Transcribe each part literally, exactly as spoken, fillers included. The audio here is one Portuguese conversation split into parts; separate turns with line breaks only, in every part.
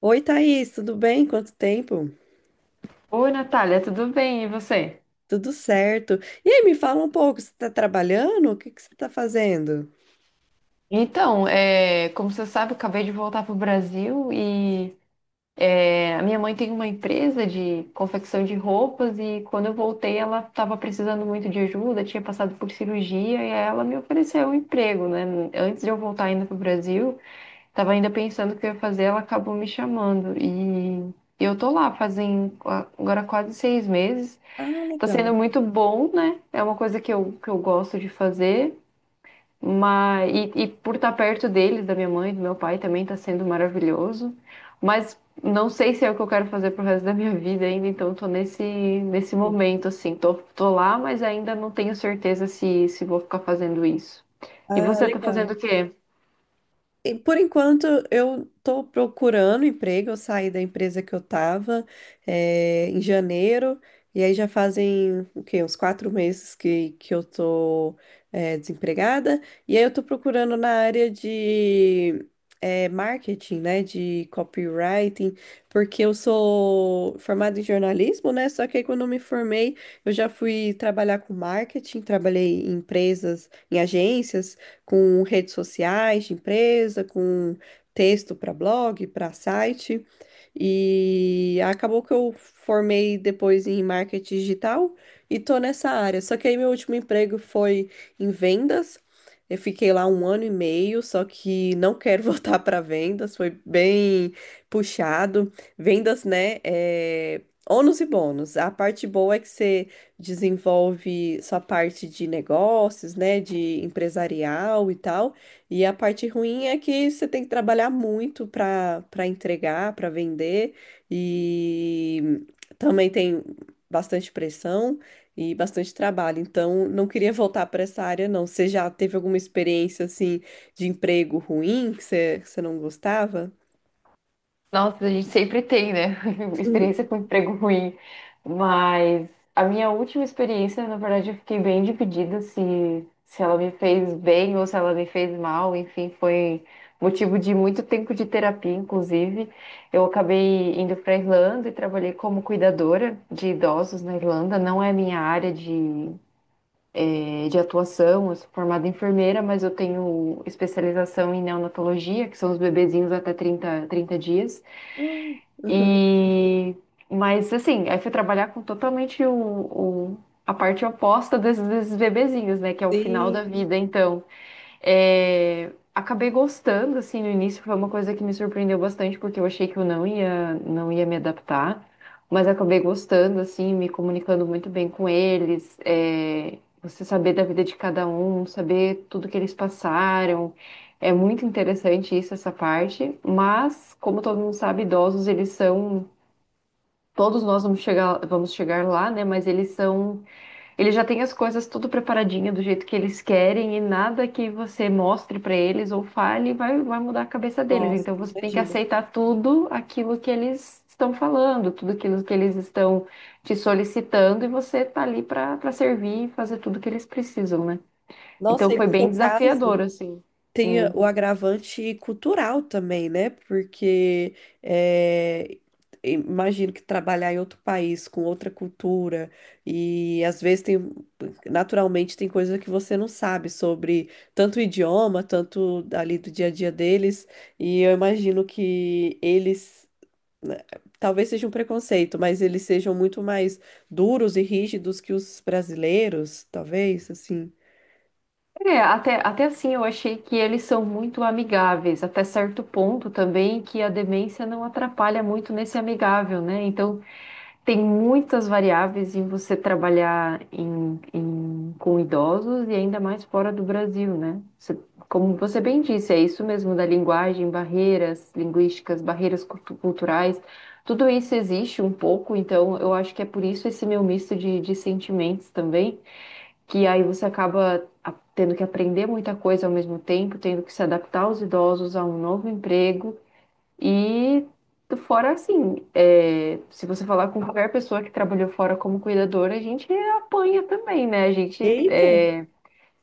Oi, Thaís, tudo bem? Quanto tempo?
Oi, Natália, tudo bem? E você?
Tudo certo. E aí, me fala um pouco, você está trabalhando? O que que você está fazendo?
Então, é, como você sabe, eu acabei de voltar para o Brasil e é, a minha mãe tem uma empresa de confecção de roupas e quando eu voltei ela estava precisando muito de ajuda, tinha passado por cirurgia e aí ela me ofereceu um emprego, né? Antes de eu voltar ainda para o Brasil, estava ainda pensando o que eu ia fazer, ela acabou me chamando e eu tô lá fazem qua- agora quase seis meses.
Ah,
Tá
legal.
sendo muito bom, né? É uma coisa que eu, que eu gosto de fazer. Mas, e, e por estar perto deles, da minha mãe, do meu pai, também está sendo maravilhoso. Mas não sei se é o que eu quero fazer pro resto da minha vida ainda, então tô nesse, nesse momento, assim. Tô, tô lá, mas ainda não tenho certeza se, se vou ficar fazendo isso. E
Ah,
você tá
legal.
fazendo o quê?
E, por enquanto, eu estou procurando emprego. Eu saí da empresa que eu estava em janeiro, e aí já fazem o quê? Uns quatro meses que, que eu estou desempregada. E aí eu estou procurando na área de eh, marketing, né? De copywriting, porque eu sou formada em jornalismo, né? Só que aí quando eu me formei, eu já fui trabalhar com marketing, trabalhei em empresas, em agências com redes sociais de empresa, com texto para blog, para site. E acabou que eu formei depois em marketing digital e tô nessa área. Só que aí meu último emprego foi em vendas. Eu fiquei lá um ano e meio, só que não quero voltar para vendas, foi bem puxado. Vendas, né? É... Ônus e bônus. A parte boa é que você desenvolve sua parte de negócios, né, de empresarial e tal. E a parte ruim é que você tem que trabalhar muito para para entregar, para vender e também tem bastante pressão e bastante trabalho. Então, não queria voltar para essa área, não. Você já teve alguma experiência assim de emprego ruim que você, que você não gostava?
Nossa, a gente sempre tem, né?
Uhum.
Experiência com emprego ruim. Mas a minha última experiência, na verdade, eu fiquei bem dividida se, se ela me fez bem ou se ela me fez mal. Enfim, foi motivo de muito tempo de terapia, inclusive. Eu acabei indo para a Irlanda e trabalhei como cuidadora de idosos na Irlanda. Não é minha área de, eh, de atuação, eu sou formada em enfermeira, mas eu tenho especialização em neonatologia, que são os bebezinhos até trinta trinta dias.
Uhum.
E mas assim, aí fui trabalhar com totalmente o, o- a parte oposta desses, desses bebezinhos, né? Que é o final
Sim,
da vida, então. É, acabei gostando, assim, no início foi uma coisa que me surpreendeu bastante, porque eu achei que eu não ia, não ia me adaptar, mas acabei gostando, assim, me comunicando muito bem com eles, é, você saber da vida de cada um, saber tudo que eles passaram, é muito interessante isso, essa parte, mas, como todo mundo sabe, idosos, eles são, todos nós vamos chegar, vamos chegar lá, né, mas eles são ele já tem as coisas tudo preparadinha do jeito que eles querem e nada que você mostre pra eles ou fale vai, vai mudar a cabeça deles.
nossa,
Então você tem que
imagino.
aceitar tudo aquilo que eles estão falando, tudo aquilo que eles estão te solicitando e você tá ali pra para servir e fazer tudo que eles precisam, né? Então
Nossa, e no
foi bem
seu caso?
desafiador, assim.
Tem
Hum.
o agravante cultural também, né? Porque eh, imagino que trabalhar em outro país com outra cultura e às vezes tem naturalmente tem coisa que você não sabe sobre tanto o idioma, tanto ali do dia a dia deles, e eu imagino que eles, né, talvez seja um preconceito, mas eles sejam muito mais duros e rígidos que os brasileiros, talvez, assim.
É, até, até assim eu achei que eles são muito amigáveis, até certo ponto também que a demência não atrapalha muito nesse amigável, né? Então tem muitas variáveis em você trabalhar em, em- com idosos e ainda mais fora do Brasil, né? Você, como você bem disse, é isso mesmo da linguagem, barreiras linguísticas, barreiras cultu- culturais, tudo isso existe um pouco, então eu acho que é por isso esse meu misto de, de sentimentos também, que aí você acaba a- tendo que aprender muita coisa ao mesmo tempo, tendo que se adaptar aos idosos a um novo emprego e fora assim, é, se você falar com qualquer pessoa que trabalhou fora como cuidadora, a gente apanha também, né? A gente
Eita!
é,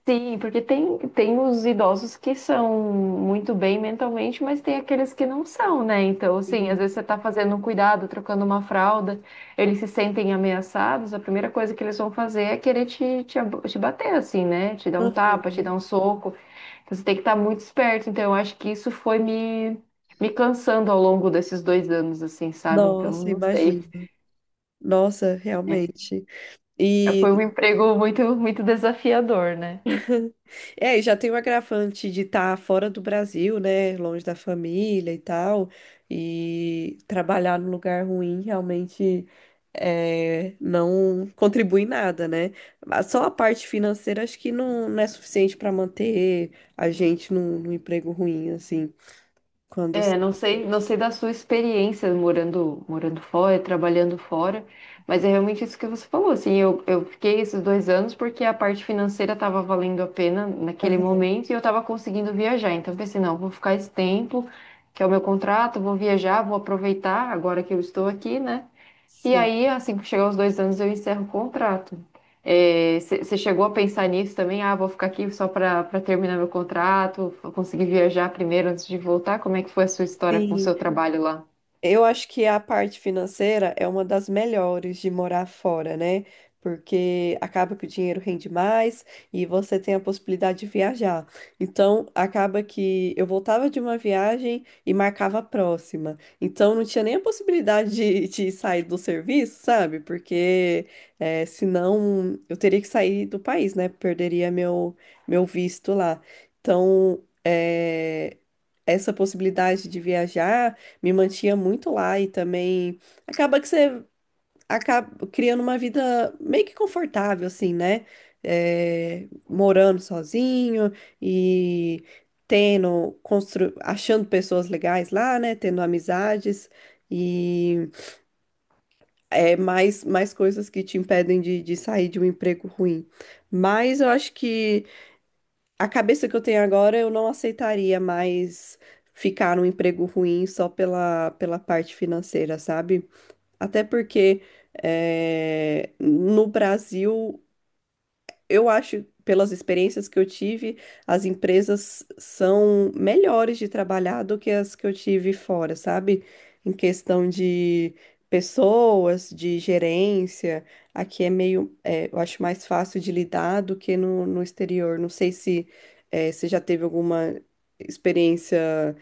sim, porque tem, tem os idosos que são muito bem mentalmente, mas tem aqueles que não são, né? Então, assim, às
Sim.
vezes você está fazendo um cuidado, trocando uma fralda, eles se sentem ameaçados, a primeira coisa que eles vão fazer é querer te, te, ab- te bater, assim, né? Te dar um tapa, te dar um soco. Então, você tem que estar muito esperto. Então, eu acho que isso foi me, me cansando ao longo desses dois anos, assim, sabe? Então,
Nossa,
não sei.
imagino. Nossa, realmente.
É,
E
foi um emprego muito, muito desafiador, né?
é, e já tem o agravante de estar fora do Brasil, né? Longe da família e tal. E trabalhar num lugar ruim realmente é, não contribui em nada, né? Mas só a parte financeira acho que não, não é suficiente para manter a gente num, num emprego ruim, assim. Quando.
É, não sei, não sei da sua experiência morando, morando fora, trabalhando fora, mas é realmente isso que você falou, assim, eu, eu fiquei esses dois anos porque a parte financeira estava valendo a pena naquele
Aham,
momento e eu estava conseguindo viajar, então eu pensei, não, vou ficar esse tempo, que é o meu contrato, vou viajar, vou aproveitar agora que eu estou aqui, né? E
sim.
aí, assim que chegar os dois anos, eu encerro o contrato. Você chegou a pensar nisso também? Ah, vou ficar aqui só para para terminar meu contrato, vou conseguir viajar primeiro antes de voltar? Como é que foi a sua história com o
Sim.
seu trabalho lá?
Eu acho que a parte financeira é uma das melhores de morar fora, né? Porque acaba que o dinheiro rende mais e você tem a possibilidade de viajar. Então, acaba que eu voltava de uma viagem e marcava a próxima. Então, não tinha nem a possibilidade de, de sair do serviço, sabe? Porque eh, senão eu teria que sair do país, né? Perderia meu, meu visto lá. Então, eh, essa possibilidade de viajar me mantinha muito lá e também acaba que você acaba criando uma vida meio que confortável, assim, né? É, morando sozinho e tendo, constru... achando pessoas legais lá, né? Tendo amizades e é, mais, mais coisas que te impedem de, de sair de um emprego ruim. Mas eu acho que a cabeça que eu tenho agora, eu não aceitaria mais ficar num emprego ruim só pela, pela parte financeira, sabe? Até porque eh, no Brasil, eu acho, pelas experiências que eu tive, as empresas são melhores de trabalhar do que as que eu tive fora, sabe? Em questão de pessoas, de gerência, aqui é meio, eh, eu acho mais fácil de lidar do que no, no exterior. Não sei se eh, você já teve alguma experiência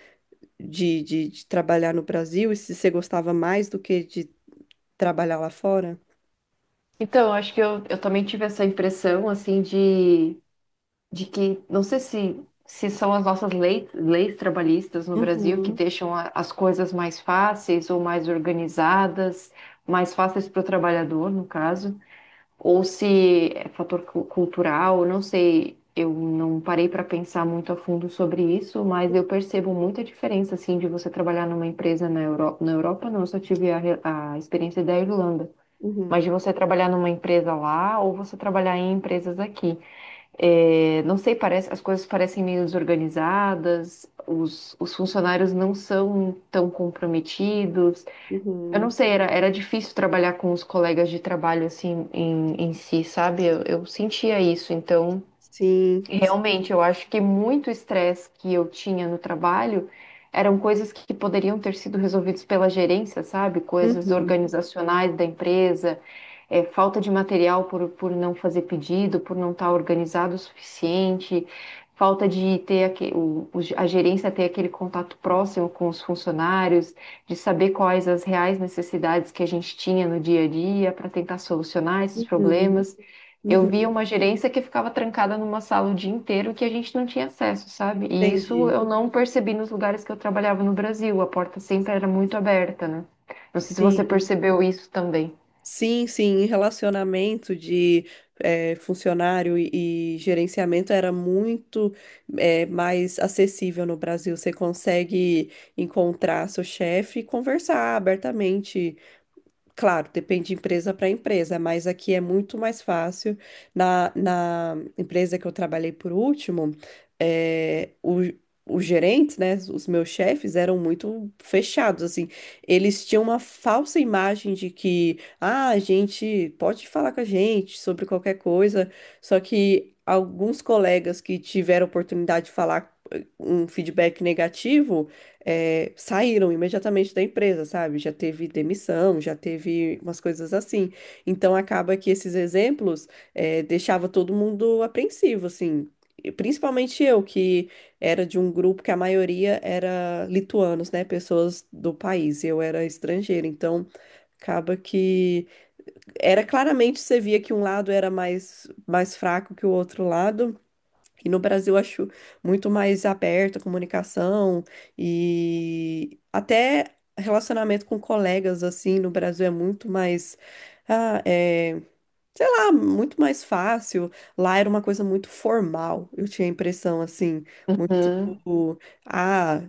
de, de de trabalhar no Brasil e se você gostava mais do que de trabalhar lá fora.
Então, acho que eu, eu também tive essa impressão, assim, de, de que, não sei se, se são as nossas leis, leis trabalhistas no Brasil que
Uhum,
deixam a- as coisas mais fáceis ou mais organizadas, mais fáceis para o trabalhador, no caso, ou se é fator cu- cultural, não sei. Eu não parei para pensar muito a fundo sobre isso, mas eu percebo muita diferença assim de você trabalhar numa empresa na Europa, na Europa não, eu só tive a, re- a experiência da Irlanda, mas
uhum,
de você trabalhar numa empresa lá ou você trabalhar em empresas aqui. É, não sei, parece, as coisas parecem meio desorganizadas, os, os funcionários não são tão comprometidos. Eu não
uhum.
sei, era, era difícil trabalhar com os colegas de trabalho assim em, em si, sabe? Eu, eu sentia isso. Então,
Sim, sim,
realmente, eu acho que muito estresse que eu tinha no trabalho eram coisas que poderiam ter sido resolvidas pela gerência, sabe? Coisas
uhum,
organizacionais da empresa, é, falta de material por, por não fazer pedido, por não estar organizado o suficiente, falta de ter aque- o- o- a gerência ter aquele contato próximo com os funcionários, de saber quais as reais necessidades que a gente tinha no dia a dia para tentar solucionar esses
uhum,
problemas. Eu via
uhum.
uma gerência que ficava trancada numa sala o dia inteiro que a gente não tinha acesso, sabe? E isso
Entendi.
eu não percebi nos lugares que eu trabalhava no Brasil. A porta sempre era muito aberta, né? Não sei se
Sim,
você percebeu isso também.
sim, sim. Em relacionamento de eh, funcionário e, e gerenciamento era muito eh, mais acessível no Brasil. Você consegue encontrar seu chefe e conversar abertamente. Claro, depende de empresa para empresa, mas aqui é muito mais fácil. Na, na empresa que eu trabalhei por último, eh, o- os gerentes, né, os meus chefes eram muito fechados, assim. Eles tinham uma falsa imagem de que, ah, a gente pode falar com a gente sobre qualquer coisa, só que alguns colegas que tiveram oportunidade de falar eh, um feedback negativo eh, saíram imediatamente da empresa, sabe? Já teve demissão, já teve umas coisas assim. Então acaba que esses exemplos eh, deixava todo mundo apreensivo, assim. E principalmente eu, que era de um grupo que a maioria era lituanos, né? Pessoas do país. Eu era estrangeira, então acaba que era claramente você via que um lado era mais mais fraco que o outro lado, e no Brasil eu acho muito mais aberta a comunicação e até relacionamento com colegas assim no Brasil é muito mais, ah, é, sei lá, muito mais fácil. Lá era uma coisa muito formal, eu tinha a impressão assim, muito,
Uhum.
ah,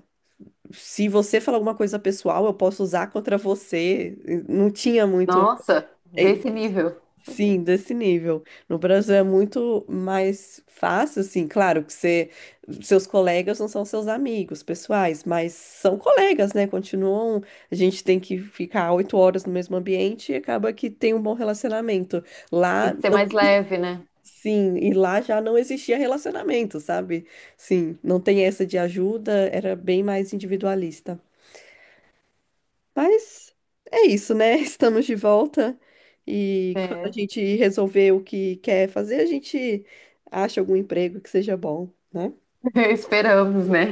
se você falar alguma coisa pessoal, eu posso usar contra você. Não tinha muito.
Nossa, desse nível.
Sim, desse nível. No Brasil é muito mais fácil, assim, claro que você, seus colegas não são seus amigos pessoais, mas são colegas, né? Continuam, a gente tem que ficar oito horas no mesmo ambiente e acaba que tem um bom relacionamento.
Tem
Lá,
que ser
não,
mais leve, né?
sim, e lá já não existia relacionamento, sabe? Sim, não tem essa de ajuda, era bem mais individualista. Mas é isso, né? Estamos de volta e quando a
É.
gente resolver o que quer fazer, a gente acha algum emprego que seja bom, né?
Esperamos, né?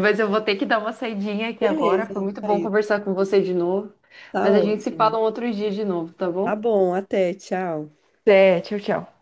Mas eu vou ter que dar uma saidinha aqui agora.
Beleza,
Foi muito bom
Thaís.
conversar com você de novo.
Tá
Mas a gente se
ótimo.
fala um outro dia de novo, tá
Tá
bom?
bom, até, tchau.
É, tchau, tchau.